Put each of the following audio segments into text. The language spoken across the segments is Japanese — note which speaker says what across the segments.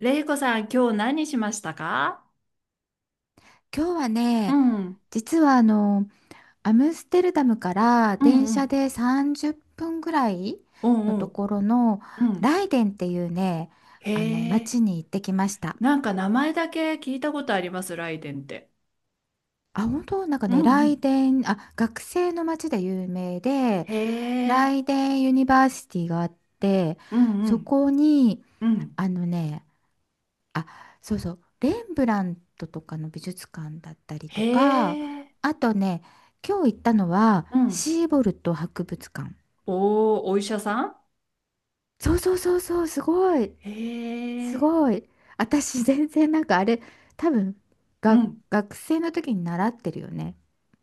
Speaker 1: れいこさん、今日何しましたか？
Speaker 2: 今日は
Speaker 1: う
Speaker 2: ね、
Speaker 1: ん、うん
Speaker 2: 実はアムステルダムから
Speaker 1: う
Speaker 2: 電車
Speaker 1: ん、
Speaker 2: で30分ぐらい
Speaker 1: う
Speaker 2: の
Speaker 1: んう
Speaker 2: と
Speaker 1: ん、
Speaker 2: ころの
Speaker 1: うん。
Speaker 2: ライデンっていうね、あの
Speaker 1: へ
Speaker 2: 町
Speaker 1: え、
Speaker 2: に行ってきました。
Speaker 1: なんか名前だけ聞いたことあります、ライデンって。
Speaker 2: あ、本当なんか
Speaker 1: うん
Speaker 2: ね、
Speaker 1: う
Speaker 2: ライ
Speaker 1: ん。
Speaker 2: デン、あ、学生の町で有名で、
Speaker 1: へ
Speaker 2: ラ
Speaker 1: え、
Speaker 2: イデンユニバーシティがあって、
Speaker 1: うんう
Speaker 2: そ
Speaker 1: ん、
Speaker 2: こに、
Speaker 1: うん。
Speaker 2: あのね、あ、そうそう、レンブラントとかの美術館だったり
Speaker 1: へ
Speaker 2: とか、
Speaker 1: え、
Speaker 2: あとね、今日行ったのは
Speaker 1: うん。
Speaker 2: シーボルト博物館。
Speaker 1: おお、お医者さん。
Speaker 2: そうそうそうそう、すごい、
Speaker 1: へ
Speaker 2: す
Speaker 1: え、
Speaker 2: ごい。私全然なんかあれ、多分
Speaker 1: う
Speaker 2: が
Speaker 1: ん。
Speaker 2: 学生の時に習ってるよね。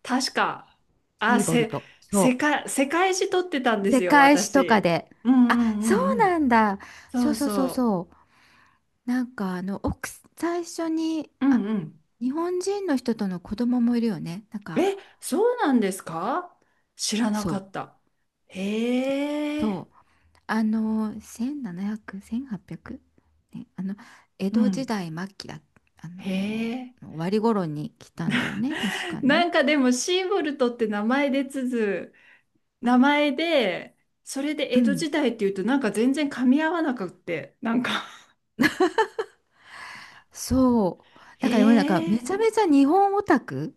Speaker 1: 確か、あ、
Speaker 2: シーボル
Speaker 1: せ、
Speaker 2: ト。
Speaker 1: 世
Speaker 2: そう。
Speaker 1: 界、世界史取ってたんで
Speaker 2: 世
Speaker 1: すよ、
Speaker 2: 界史とか
Speaker 1: 私。
Speaker 2: で。
Speaker 1: うん
Speaker 2: あ、
Speaker 1: うん
Speaker 2: そ
Speaker 1: うんう
Speaker 2: うな
Speaker 1: ん。
Speaker 2: んだ。
Speaker 1: そ
Speaker 2: そう
Speaker 1: う
Speaker 2: そうそう
Speaker 1: そ
Speaker 2: そう。なんか奥最初に、
Speaker 1: う。
Speaker 2: あ、
Speaker 1: うん。
Speaker 2: 日本人の人との子供もいるよね。なんか、
Speaker 1: え、そうなんですか？知らな
Speaker 2: そ
Speaker 1: か
Speaker 2: う。
Speaker 1: った。へ
Speaker 2: そ
Speaker 1: え、
Speaker 2: う。1700、1800？ ね、江
Speaker 1: う
Speaker 2: 戸時
Speaker 1: ん、
Speaker 2: 代末期だ、あ
Speaker 1: へ
Speaker 2: の
Speaker 1: え。
Speaker 2: 終わり頃に来たんだよね、確かね。
Speaker 1: でもシーボルトって名前で、それで
Speaker 2: う
Speaker 1: 江戸
Speaker 2: ん。
Speaker 1: 時代っていうとなんか全然噛み合わなくって、
Speaker 2: そう。
Speaker 1: へ
Speaker 2: だから、なんか、め
Speaker 1: え、
Speaker 2: ちゃめちゃ日本オタク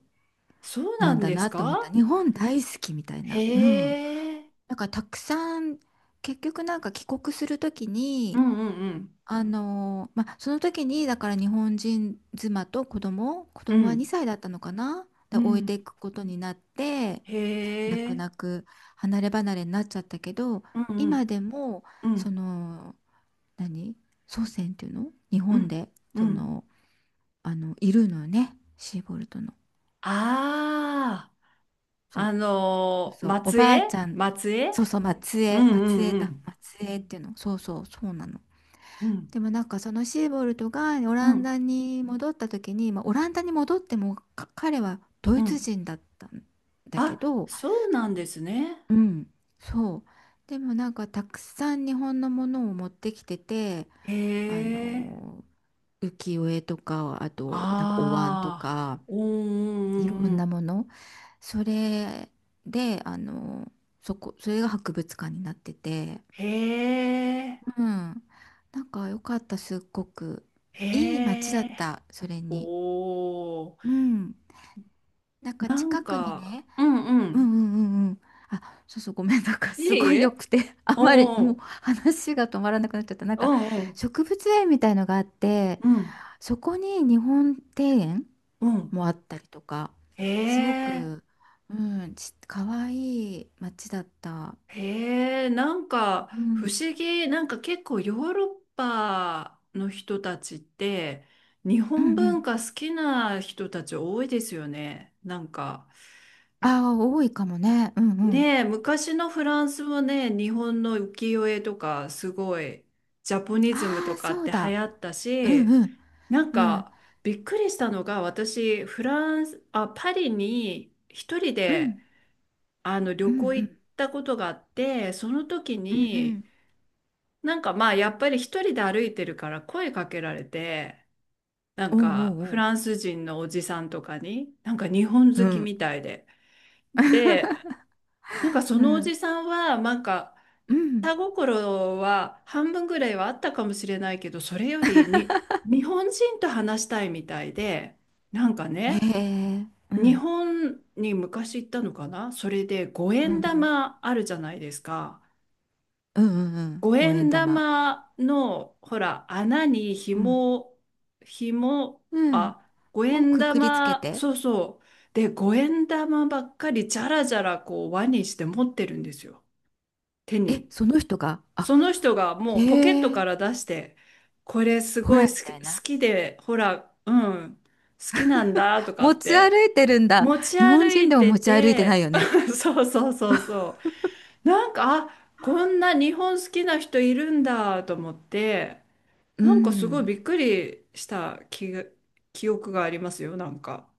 Speaker 1: そうな
Speaker 2: なん
Speaker 1: ん
Speaker 2: だ
Speaker 1: で
Speaker 2: な
Speaker 1: す
Speaker 2: って思っ
Speaker 1: か？
Speaker 2: た。日本大好きみたい
Speaker 1: へ
Speaker 2: な。うん。
Speaker 1: え、
Speaker 2: なんか、たくさん、結局なんか帰国するとき
Speaker 1: う
Speaker 2: に、
Speaker 1: んうん
Speaker 2: まあ、その時に、だから日本人妻と子供、子
Speaker 1: うん、
Speaker 2: 供
Speaker 1: う
Speaker 2: は
Speaker 1: ん、
Speaker 2: 2歳だったのかな
Speaker 1: う
Speaker 2: で置い
Speaker 1: ん、
Speaker 2: ていくことになって、泣
Speaker 1: へ
Speaker 2: く
Speaker 1: え、
Speaker 2: 泣く離れ離れになっちゃったけど、
Speaker 1: うんう
Speaker 2: 今
Speaker 1: ん、
Speaker 2: でも
Speaker 1: う
Speaker 2: そ
Speaker 1: ん、
Speaker 2: の何、祖先っていうの日
Speaker 1: う
Speaker 2: 本
Speaker 1: ん、
Speaker 2: で、
Speaker 1: う
Speaker 2: そ
Speaker 1: ん。
Speaker 2: のいるのよねシーボルトの。
Speaker 1: ああ。
Speaker 2: そう
Speaker 1: あ
Speaker 2: そう
Speaker 1: のー
Speaker 2: そう、お
Speaker 1: 松
Speaker 2: ば
Speaker 1: 江
Speaker 2: あちゃん。
Speaker 1: 松江。
Speaker 2: そうそう、松
Speaker 1: う
Speaker 2: 江、
Speaker 1: んう
Speaker 2: 松
Speaker 1: ん
Speaker 2: 江
Speaker 1: う
Speaker 2: だ、
Speaker 1: ん。
Speaker 2: 松江っていうの、そうそうそうなの。
Speaker 1: うん
Speaker 2: でもなんかそのシーボルトがオ
Speaker 1: う
Speaker 2: ラン
Speaker 1: ん
Speaker 2: ダに戻った時に、まあ、オランダに戻ってもか、彼はド
Speaker 1: う
Speaker 2: イツ
Speaker 1: ん。
Speaker 2: 人だったんだけ
Speaker 1: あ、
Speaker 2: ど。
Speaker 1: そうなんですね。
Speaker 2: うん、そう。でもなんかたくさん日本のものを持ってきてて、
Speaker 1: へ
Speaker 2: あ
Speaker 1: え。
Speaker 2: のー浮世絵とか、あとなんかお椀と
Speaker 1: ああ。
Speaker 2: か、
Speaker 1: うん
Speaker 2: い
Speaker 1: う
Speaker 2: ろ
Speaker 1: ん
Speaker 2: ん
Speaker 1: う
Speaker 2: な
Speaker 1: ん
Speaker 2: もの。それで、それが博物館になってて、
Speaker 1: へえ。
Speaker 2: うん。なんか良かった、すっごく。
Speaker 1: へ
Speaker 2: いい街だっ
Speaker 1: え。
Speaker 2: た、それに。
Speaker 1: おー。
Speaker 2: うん。なんか
Speaker 1: なん
Speaker 2: 近くに
Speaker 1: か、
Speaker 2: ね、
Speaker 1: うんう
Speaker 2: う
Speaker 1: ん。
Speaker 2: んうんうんうん。あ、そうそう、ごめん、なんか
Speaker 1: い
Speaker 2: す
Speaker 1: えい
Speaker 2: ごい良
Speaker 1: え。
Speaker 2: くて、あまり
Speaker 1: お
Speaker 2: もう
Speaker 1: ー。
Speaker 2: 話が止まらなくなっちゃった。なん
Speaker 1: う
Speaker 2: か
Speaker 1: んうん。
Speaker 2: 植物園みたいのがあって、
Speaker 1: うん
Speaker 2: そこに日本庭園
Speaker 1: うん。
Speaker 2: もあったりとか、
Speaker 1: へ
Speaker 2: すご
Speaker 1: え。
Speaker 2: く、うん、かわいい街だった。
Speaker 1: へえ、
Speaker 2: う
Speaker 1: 不
Speaker 2: ん、
Speaker 1: 思議、結構ヨーロッパの人たちって日
Speaker 2: うん
Speaker 1: 本
Speaker 2: う
Speaker 1: 文
Speaker 2: ん。
Speaker 1: 化好きな人たち多いですよね。
Speaker 2: ああ、多いかもね。うんうん。
Speaker 1: ねえ、昔のフランスもね、日本の浮世絵とかすごいジャポニズム
Speaker 2: あ
Speaker 1: と
Speaker 2: あ、
Speaker 1: かっ
Speaker 2: そう
Speaker 1: て流
Speaker 2: だ。
Speaker 1: 行った
Speaker 2: うん
Speaker 1: し、
Speaker 2: うん、
Speaker 1: なん
Speaker 2: うん、
Speaker 1: かびっくりしたのが私フランス、あ、パリに一人
Speaker 2: う
Speaker 1: で
Speaker 2: ん、
Speaker 1: あの
Speaker 2: う
Speaker 1: 旅
Speaker 2: ん、う
Speaker 1: 行行っ
Speaker 2: ん、
Speaker 1: たことがあって、その時
Speaker 2: うん、う
Speaker 1: に
Speaker 2: ん。
Speaker 1: まあやっぱり一人で歩いてるから声かけられて、なん
Speaker 2: おう
Speaker 1: か
Speaker 2: お
Speaker 1: フ
Speaker 2: うお
Speaker 1: ランス人のおじさんとかに、なんか日本
Speaker 2: う。う
Speaker 1: 好き
Speaker 2: ん。
Speaker 1: みたいで。で、なんか そ
Speaker 2: う
Speaker 1: のお
Speaker 2: ん。
Speaker 1: じさんは、なんか
Speaker 2: うん。
Speaker 1: 下心は半分ぐらいはあったかもしれないけど、それよりに日本人と話したいみたいで、なんか
Speaker 2: へ
Speaker 1: ね、
Speaker 2: え、う
Speaker 1: 日
Speaker 2: ん、
Speaker 1: 本に昔行ったのかな？それで五
Speaker 2: うんう
Speaker 1: 円
Speaker 2: ん、
Speaker 1: 玉あるじゃないですか。
Speaker 2: うんうんうん、
Speaker 1: 五
Speaker 2: 五円
Speaker 1: 円
Speaker 2: 玉。
Speaker 1: 玉の、ほら、穴に
Speaker 2: うん、
Speaker 1: 紐、紐、
Speaker 2: うん、
Speaker 1: あ、五
Speaker 2: を
Speaker 1: 円
Speaker 2: くくりつけ
Speaker 1: 玉、
Speaker 2: て、
Speaker 1: そうそう。で、五円玉ばっかりじゃらじゃらこう輪にして持ってるんですよ。手
Speaker 2: え、
Speaker 1: に。
Speaker 2: その人が、あ、
Speaker 1: その人がもうポケット
Speaker 2: へ
Speaker 1: か
Speaker 2: え、
Speaker 1: ら出して、これす
Speaker 2: ほ
Speaker 1: ご
Speaker 2: ら
Speaker 1: い
Speaker 2: みたい
Speaker 1: 好
Speaker 2: な。
Speaker 1: きで、ほら、うん、好きなんだとか
Speaker 2: 持
Speaker 1: っ
Speaker 2: ち
Speaker 1: て、
Speaker 2: 歩いてるんだ。
Speaker 1: 持ち
Speaker 2: 日本
Speaker 1: 歩
Speaker 2: 人
Speaker 1: い
Speaker 2: でも
Speaker 1: て
Speaker 2: 持ち歩いてない
Speaker 1: て、
Speaker 2: よね。
Speaker 1: そうそうそうそう。なんか、あ、こんな日本好きな人いるんだと思って、
Speaker 2: う
Speaker 1: なんかすごい
Speaker 2: ん。
Speaker 1: びっくりした記憶がありますよ、なんか。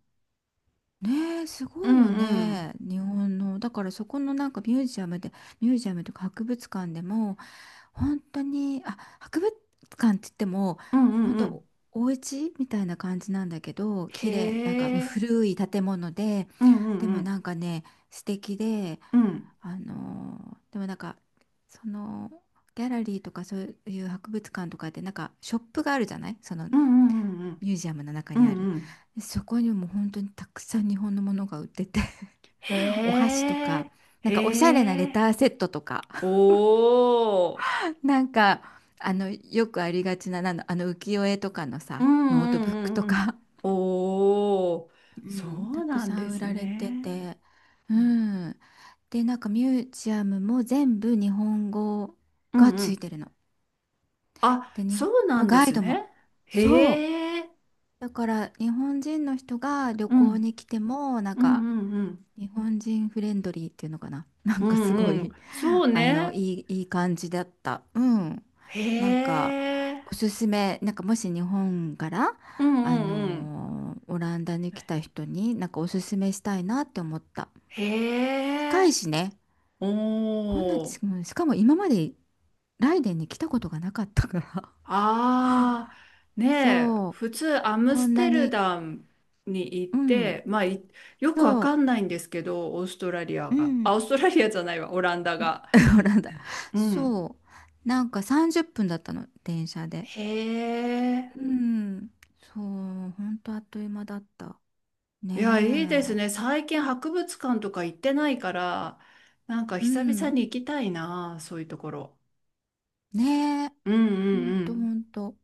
Speaker 2: ねえ、す
Speaker 1: う
Speaker 2: ごい
Speaker 1: ん
Speaker 2: よ
Speaker 1: うん。
Speaker 2: ね。日本の。だからそこのなんかミュージアムで、ミュージアムとか博物館でも、本当に、あ、博物館って言っても、
Speaker 1: うんうん
Speaker 2: 本
Speaker 1: う
Speaker 2: 当
Speaker 1: ん。
Speaker 2: お家みたいな感じなんだけど、綺麗、なんか
Speaker 1: へえ。
Speaker 2: 古い建物で、
Speaker 1: うんう
Speaker 2: で
Speaker 1: んう
Speaker 2: も
Speaker 1: ん。
Speaker 2: なんかね、素敵で、
Speaker 1: うん。
Speaker 2: でもなんか、その、ギャラリーとかそういう博物館とかで、なんかショップがあるじゃない、その
Speaker 1: うんうん
Speaker 2: ミュージアムの中
Speaker 1: うんうん。う
Speaker 2: にある。
Speaker 1: んうん。
Speaker 2: でそこにも本当にたくさん日本のものが売ってて、
Speaker 1: へ
Speaker 2: お箸とか、
Speaker 1: え。
Speaker 2: なんかおしゃれな
Speaker 1: へ
Speaker 2: レ
Speaker 1: え。
Speaker 2: ターセットとか。
Speaker 1: おー。
Speaker 2: なんかよくありがちな、なんだ浮世絵とかの
Speaker 1: う
Speaker 2: さ、ノー
Speaker 1: んう
Speaker 2: トブックと
Speaker 1: んうんうん。
Speaker 2: か、
Speaker 1: おー。
Speaker 2: う
Speaker 1: そ
Speaker 2: ん、た
Speaker 1: う
Speaker 2: く
Speaker 1: なん
Speaker 2: さ
Speaker 1: で
Speaker 2: ん売
Speaker 1: す
Speaker 2: られて
Speaker 1: ね。
Speaker 2: て、う
Speaker 1: う
Speaker 2: ん、でなんかミュージアムも全部日本語
Speaker 1: ん
Speaker 2: が
Speaker 1: う
Speaker 2: つい
Speaker 1: ん。
Speaker 2: てるの。
Speaker 1: あ、
Speaker 2: で日本
Speaker 1: そ
Speaker 2: 語
Speaker 1: うな
Speaker 2: の
Speaker 1: んで
Speaker 2: ガイ
Speaker 1: す
Speaker 2: ドも、
Speaker 1: ね。
Speaker 2: そう、
Speaker 1: へえ。
Speaker 2: だから日本人の人が旅
Speaker 1: う
Speaker 2: 行
Speaker 1: ん。
Speaker 2: に来てもなん
Speaker 1: うん
Speaker 2: か
Speaker 1: うんうん。
Speaker 2: 日本人フレンドリーっていうのかな、な
Speaker 1: う
Speaker 2: んか
Speaker 1: ん
Speaker 2: すご
Speaker 1: うん。
Speaker 2: い、
Speaker 1: そうね。
Speaker 2: いい感じだった。うん。
Speaker 1: へ
Speaker 2: なんか、
Speaker 1: え。
Speaker 2: おすすめ、なんかもし日本から、
Speaker 1: うんうんうん。
Speaker 2: オランダに来た人に、なんかおすすめしたいなって思った。
Speaker 1: へ
Speaker 2: 近い
Speaker 1: え。
Speaker 2: しね。こんな、
Speaker 1: お
Speaker 2: し
Speaker 1: ー。
Speaker 2: かもしかも今までライデンに来たことがなかったから。
Speaker 1: ああ。ね え。
Speaker 2: そう。
Speaker 1: 普通、アム
Speaker 2: こ
Speaker 1: ス
Speaker 2: んな
Speaker 1: テル
Speaker 2: に、
Speaker 1: ダムに行っ
Speaker 2: う
Speaker 1: て、
Speaker 2: ん。
Speaker 1: よくわ
Speaker 2: そ
Speaker 1: かんないんですけど、オーストラリア
Speaker 2: う。う
Speaker 1: が。あ、オ
Speaker 2: ん。
Speaker 1: ーストラリアじゃないわ、オランダが。
Speaker 2: オランダ。
Speaker 1: うん。
Speaker 2: そう。なんか30分だったの、電車で。
Speaker 1: へえ。
Speaker 2: うん。そう。ほんとあっという間だった。
Speaker 1: いや、いいです
Speaker 2: ね
Speaker 1: ね。最近博物館とか行ってないから、なんか
Speaker 2: え。う
Speaker 1: 久々
Speaker 2: ん。
Speaker 1: に行きたいな、そういうところ。
Speaker 2: ねえ。
Speaker 1: うんう
Speaker 2: ほん
Speaker 1: んう
Speaker 2: とほ
Speaker 1: ん。
Speaker 2: んと。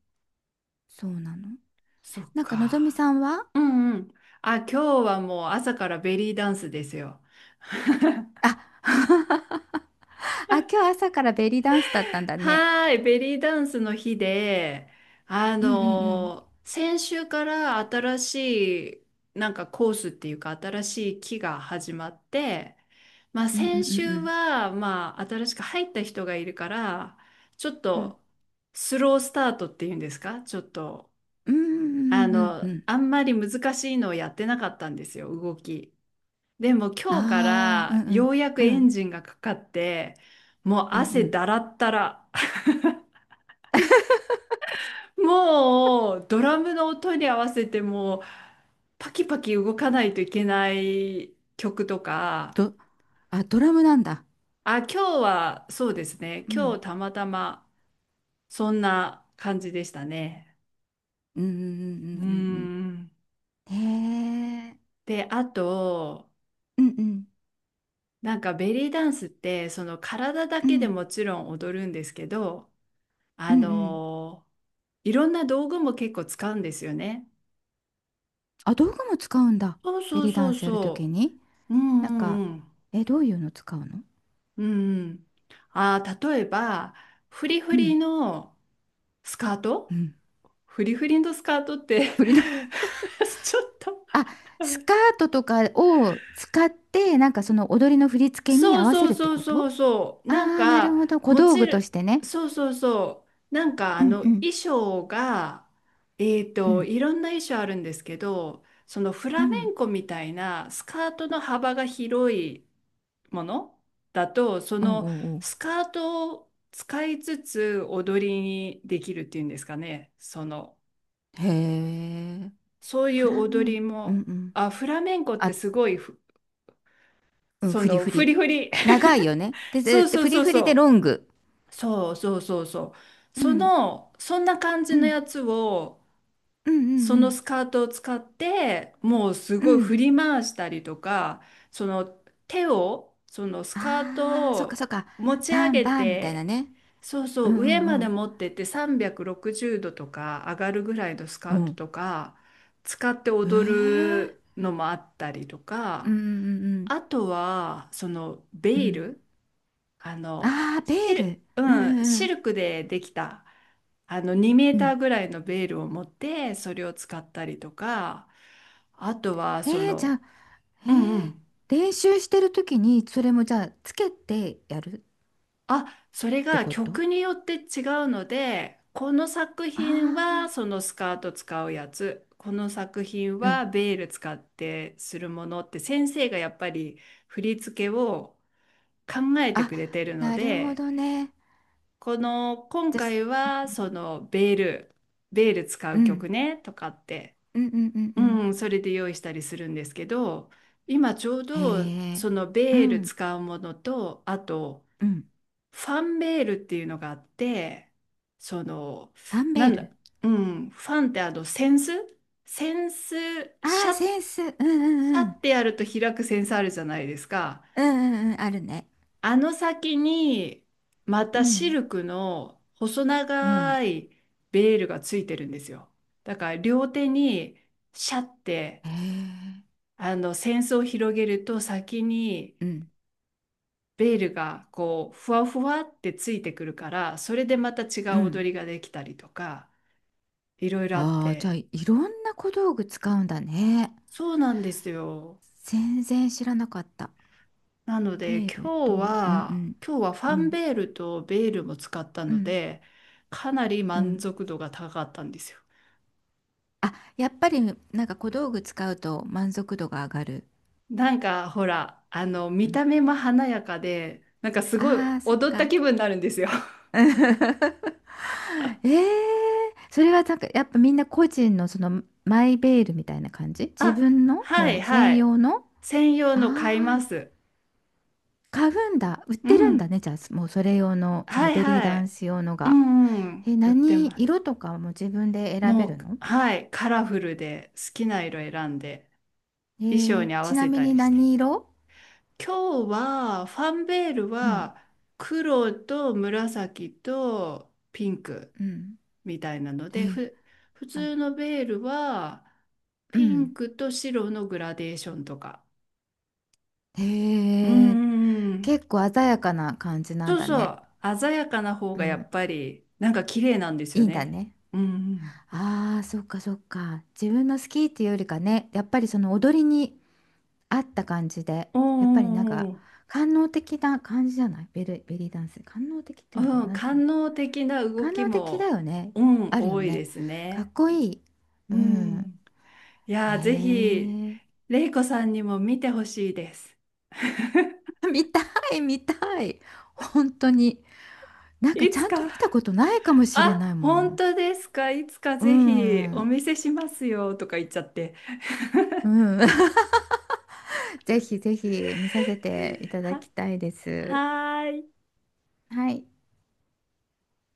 Speaker 2: そうなの。
Speaker 1: そっ
Speaker 2: なんかのぞみ
Speaker 1: か。
Speaker 2: さんは、
Speaker 1: うんうん。あ、今日はもう朝からベリーダンスですよ。
Speaker 2: あ。 あ、今日朝からベリーダンスだったんだね。
Speaker 1: はーい、ベリーダンスの日で、あ
Speaker 2: うんうんうん。
Speaker 1: のー先週から新しい、なんかコースっていうか、新しい期が始まって、まあ
Speaker 2: うんうん
Speaker 1: 先
Speaker 2: うん
Speaker 1: 週
Speaker 2: うん。
Speaker 1: は、まあ新しく入った人がいるから、ちょっ
Speaker 2: うん
Speaker 1: とスロースタートっていうんですか、ちょっと、
Speaker 2: うんう
Speaker 1: あ
Speaker 2: んうんう
Speaker 1: の、
Speaker 2: ん。
Speaker 1: あんまり難しいのをやってなかったんですよ、動き。でも今日か
Speaker 2: ああ、うん
Speaker 1: ら
Speaker 2: う
Speaker 1: よ
Speaker 2: ん
Speaker 1: うやく
Speaker 2: う
Speaker 1: エン
Speaker 2: ん
Speaker 1: ジンがかかって、もう
Speaker 2: うんう
Speaker 1: 汗
Speaker 2: ん。
Speaker 1: だらったら。もうドラムの音に合わせてもうパキパキ動かないといけない曲とか、
Speaker 2: ど、あ、ドラムなんだ。
Speaker 1: あ、今日はそうですね。
Speaker 2: う
Speaker 1: 今
Speaker 2: ん。
Speaker 1: 日たまたまそんな感じでしたね。
Speaker 2: うんうん
Speaker 1: うー
Speaker 2: う
Speaker 1: ん。
Speaker 2: んうんうんうん。へえ。
Speaker 1: で、あと、
Speaker 2: うんうん
Speaker 1: なんかベリーダンスってその体だ
Speaker 2: う
Speaker 1: けで
Speaker 2: ん
Speaker 1: もちろん踊るんですけど、
Speaker 2: う
Speaker 1: あ
Speaker 2: んうん。
Speaker 1: のいろんな道具も結構使うんですよね。
Speaker 2: あ、道具も使うんだ。
Speaker 1: そう
Speaker 2: ベ
Speaker 1: そう
Speaker 2: リーダ
Speaker 1: そ
Speaker 2: ン
Speaker 1: う
Speaker 2: スやるとき
Speaker 1: そ
Speaker 2: に。
Speaker 1: う。
Speaker 2: なんか、
Speaker 1: うん。
Speaker 2: え、どういうの使うの？
Speaker 1: うん。あー、例えば、フリフ
Speaker 2: う
Speaker 1: リ
Speaker 2: ん。
Speaker 1: のスカー
Speaker 2: う
Speaker 1: ト
Speaker 2: ん。
Speaker 1: フリフリのスカートって
Speaker 2: 振りの、
Speaker 1: ちょっと
Speaker 2: あ、スカートとかを使って、なんかその踊りの振り付けに
Speaker 1: そう
Speaker 2: 合わせ
Speaker 1: そう
Speaker 2: るって
Speaker 1: そう
Speaker 2: こ
Speaker 1: そ
Speaker 2: と？
Speaker 1: うそう。なん
Speaker 2: ああー、なる
Speaker 1: か、
Speaker 2: ほど。小
Speaker 1: も
Speaker 2: 道
Speaker 1: ち
Speaker 2: 具
Speaker 1: ろん、
Speaker 2: としてね。
Speaker 1: そうそうそう。なんか、
Speaker 2: う
Speaker 1: あ
Speaker 2: ん
Speaker 1: の、
Speaker 2: うん
Speaker 1: 衣装が、えっ
Speaker 2: う
Speaker 1: と、
Speaker 2: ん
Speaker 1: いろんな衣装あるんですけど、そのフ
Speaker 2: う
Speaker 1: ラメ
Speaker 2: ん
Speaker 1: ンコみたいなスカートの幅が広いものだと、そ
Speaker 2: うんう
Speaker 1: の
Speaker 2: んうん、
Speaker 1: スカートを使いつつ踊りにできるっていうんですかね。その、
Speaker 2: へえ。
Speaker 1: そうい
Speaker 2: フ
Speaker 1: う
Speaker 2: ラメ
Speaker 1: 踊
Speaker 2: ン。
Speaker 1: り
Speaker 2: うん
Speaker 1: も、
Speaker 2: うん。
Speaker 1: あ、フラメンコって
Speaker 2: あ、
Speaker 1: すごいふ、
Speaker 2: うん、
Speaker 1: そ
Speaker 2: フリ
Speaker 1: の、
Speaker 2: フ
Speaker 1: フ
Speaker 2: リ。
Speaker 1: リフリ。
Speaker 2: 長いよね。で、
Speaker 1: そ
Speaker 2: で、
Speaker 1: う
Speaker 2: で
Speaker 1: そう
Speaker 2: フ
Speaker 1: そ
Speaker 2: リ
Speaker 1: う
Speaker 2: フリで
Speaker 1: そ
Speaker 2: ロング。
Speaker 1: う。そうそうそうそう。
Speaker 2: う
Speaker 1: そ
Speaker 2: ん
Speaker 1: の、そんな感
Speaker 2: う
Speaker 1: じの
Speaker 2: ん
Speaker 1: やつを
Speaker 2: うん
Speaker 1: そ
Speaker 2: う
Speaker 1: の
Speaker 2: ん
Speaker 1: スカートを使ってもうす
Speaker 2: うん
Speaker 1: ごい
Speaker 2: うん。
Speaker 1: 振り回したりとかその手をそのスカー
Speaker 2: ああ、
Speaker 1: ト
Speaker 2: そっかそっ
Speaker 1: を
Speaker 2: か。
Speaker 1: 持ち上
Speaker 2: バン
Speaker 1: げ
Speaker 2: バンみたいな
Speaker 1: て
Speaker 2: ね。
Speaker 1: そう
Speaker 2: う
Speaker 1: そ
Speaker 2: んう
Speaker 1: う上
Speaker 2: んう
Speaker 1: まで
Speaker 2: ん。
Speaker 1: 持ってって360度とか上がるぐらいのス
Speaker 2: う
Speaker 1: カート
Speaker 2: ん。
Speaker 1: とか使って踊
Speaker 2: ええ、
Speaker 1: るのもあったりと
Speaker 2: うんう
Speaker 1: か、
Speaker 2: んうん
Speaker 1: あとはそのベ
Speaker 2: う
Speaker 1: イ
Speaker 2: ん。
Speaker 1: ル、あの、
Speaker 2: ああ、ベ
Speaker 1: シ
Speaker 2: ー
Speaker 1: ル、
Speaker 2: ル。
Speaker 1: う
Speaker 2: うんうんう
Speaker 1: シ
Speaker 2: ん。
Speaker 1: ルクでできた、あの、2メー
Speaker 2: う
Speaker 1: タ
Speaker 2: ん、
Speaker 1: ーぐらいのベールを持って、それを使ったりとか、あとは、そ
Speaker 2: じゃ
Speaker 1: の、
Speaker 2: あ、
Speaker 1: うんう
Speaker 2: ええ、
Speaker 1: ん。
Speaker 2: 練習してる時にそれもじゃあつけてやるっ
Speaker 1: あ、それ
Speaker 2: て
Speaker 1: が
Speaker 2: こと？
Speaker 1: 曲によって違うので、この作
Speaker 2: あ
Speaker 1: 品はそ
Speaker 2: あ
Speaker 1: のスカート使うやつ、この作品
Speaker 2: ー、う
Speaker 1: は
Speaker 2: ん。
Speaker 1: ベール使ってするものって、先生がやっぱり振り付けを考えて
Speaker 2: あ、
Speaker 1: くれてるの
Speaker 2: なるほ
Speaker 1: で、
Speaker 2: どね。
Speaker 1: この今
Speaker 2: じゃ
Speaker 1: 回
Speaker 2: あ、
Speaker 1: はそのベール、ベール使
Speaker 2: う
Speaker 1: う
Speaker 2: ん、
Speaker 1: 曲ねとかって、
Speaker 2: うんうんうんうん。
Speaker 1: うん、それで用意したりするんですけど今ちょう
Speaker 2: へ
Speaker 1: ど
Speaker 2: え、
Speaker 1: その
Speaker 2: う
Speaker 1: ベール
Speaker 2: ん、
Speaker 1: 使うものとあと
Speaker 2: うん。
Speaker 1: ファンベールっていうのがあって、その
Speaker 2: ファンベ
Speaker 1: な
Speaker 2: ー
Speaker 1: んだ、
Speaker 2: ル。
Speaker 1: うん、ファンってあの扇子シ
Speaker 2: あ
Speaker 1: ャ
Speaker 2: あ、
Speaker 1: ッ、
Speaker 2: センス。うんう
Speaker 1: シャ
Speaker 2: ん
Speaker 1: ッ
Speaker 2: うん。
Speaker 1: てやると開く扇子あるじゃないですか。
Speaker 2: うんうんうん。あるね。
Speaker 1: あの先に、ま
Speaker 2: う
Speaker 1: たシ
Speaker 2: ん、
Speaker 1: ルクの細
Speaker 2: うん。
Speaker 1: 長いベールがついてるんですよ。だから両手にシャッて、
Speaker 2: へえ、
Speaker 1: あの、扇子を広げると先に
Speaker 2: うん、
Speaker 1: ベールがこう、ふわふわってついてくるから、それでまた違
Speaker 2: う
Speaker 1: う踊
Speaker 2: ん。
Speaker 1: りができたりとか、いろいろあっ
Speaker 2: ああ、じゃあ、
Speaker 1: て。
Speaker 2: いろんな小道具使うんだね。
Speaker 1: そうなんですよ。
Speaker 2: 全然知らなかった。
Speaker 1: なの
Speaker 2: ペ
Speaker 1: で
Speaker 2: ールと、うんうん
Speaker 1: 今日はフ
Speaker 2: う
Speaker 1: ァン
Speaker 2: ん、
Speaker 1: ベールとベールも使った
Speaker 2: う
Speaker 1: の
Speaker 2: ん、
Speaker 1: で、かなり
Speaker 2: う
Speaker 1: 満
Speaker 2: ん。
Speaker 1: 足度が高かったんですよ。
Speaker 2: あ、やっぱりなんか小道具使うと満足度が上がる。
Speaker 1: なんかほら、あの、見た目も華やかで、なんかすごい
Speaker 2: ああー、そっ
Speaker 1: 踊った
Speaker 2: か。
Speaker 1: 気分になるんですよ。
Speaker 2: えーそれはなんかやっぱみんな個人のそのマイベールみたいな感じ、自
Speaker 1: あ、
Speaker 2: 分の
Speaker 1: は
Speaker 2: も
Speaker 1: い
Speaker 2: う
Speaker 1: は
Speaker 2: 専
Speaker 1: い。
Speaker 2: 用の。
Speaker 1: 専用の買い
Speaker 2: あ
Speaker 1: ま
Speaker 2: あ、
Speaker 1: す。
Speaker 2: 買うんだ。売っ
Speaker 1: う
Speaker 2: てるんだ
Speaker 1: ん。
Speaker 2: ね。じゃあ、もうそれ用の、そ
Speaker 1: は
Speaker 2: の
Speaker 1: い
Speaker 2: ベリー
Speaker 1: は
Speaker 2: ダン
Speaker 1: い。
Speaker 2: ス用のが。
Speaker 1: うん。
Speaker 2: え、
Speaker 1: 売ってます。
Speaker 2: 何色とかも自分で選べ
Speaker 1: も
Speaker 2: る
Speaker 1: う、
Speaker 2: の？
Speaker 1: はい。カラフルで好きな色選んで、衣装に合
Speaker 2: ち
Speaker 1: わ
Speaker 2: な
Speaker 1: せ
Speaker 2: み
Speaker 1: た
Speaker 2: に
Speaker 1: りして。
Speaker 2: 何色？
Speaker 1: 今日は、ファンベール
Speaker 2: うん、
Speaker 1: は黒と紫とピンク。
Speaker 2: うん。
Speaker 1: みたいなの
Speaker 2: え
Speaker 1: で、
Speaker 2: ー
Speaker 1: 普
Speaker 2: あ、
Speaker 1: 通のベールは
Speaker 2: う
Speaker 1: ピン
Speaker 2: ん。
Speaker 1: クと白のグラデーションとか。
Speaker 2: へ
Speaker 1: うん
Speaker 2: え、
Speaker 1: うんうん。
Speaker 2: 結構鮮やかな感じなん
Speaker 1: そう
Speaker 2: だ
Speaker 1: そ
Speaker 2: ね。
Speaker 1: う。鮮やかな方
Speaker 2: う
Speaker 1: がやっ
Speaker 2: ん、
Speaker 1: ぱりなんか綺麗なんですよ
Speaker 2: いいんだ
Speaker 1: ね。
Speaker 2: ね。
Speaker 1: うん
Speaker 2: ああ、そっかそっか。自分の好きっていうよりかね、やっぱりその踊りに合った感じで、
Speaker 1: う
Speaker 2: やっぱりなん
Speaker 1: ん。おう
Speaker 2: か、
Speaker 1: おうおー
Speaker 2: 官能的な感じじゃない、ベリーダンス。官能的っていうのかな、
Speaker 1: うん、
Speaker 2: なんていうの？
Speaker 1: 官能的な動
Speaker 2: 官
Speaker 1: き
Speaker 2: 能的だ
Speaker 1: も、
Speaker 2: よね。
Speaker 1: うん、
Speaker 2: あるよ
Speaker 1: 多い
Speaker 2: ね。
Speaker 1: です
Speaker 2: かっ
Speaker 1: ね。
Speaker 2: こいい。う
Speaker 1: う
Speaker 2: ん。
Speaker 1: ん。いやー、ぜ
Speaker 2: へ
Speaker 1: ひ、
Speaker 2: え。
Speaker 1: れいこさんにも見てほしいです。
Speaker 2: 見たい、見たい。本当に。なんか
Speaker 1: い
Speaker 2: ち
Speaker 1: つ
Speaker 2: ゃんと見た
Speaker 1: か。
Speaker 2: ことないかもしれな
Speaker 1: あ、
Speaker 2: いも
Speaker 1: 本
Speaker 2: ん。
Speaker 1: 当ですか。いつか
Speaker 2: う
Speaker 1: ぜひ
Speaker 2: ん。
Speaker 1: お
Speaker 2: う
Speaker 1: 見せしますよとか言っちゃって。
Speaker 2: ん。ぜひぜひ見させていただ
Speaker 1: は、
Speaker 2: きたいです。
Speaker 1: はーい。
Speaker 2: はい。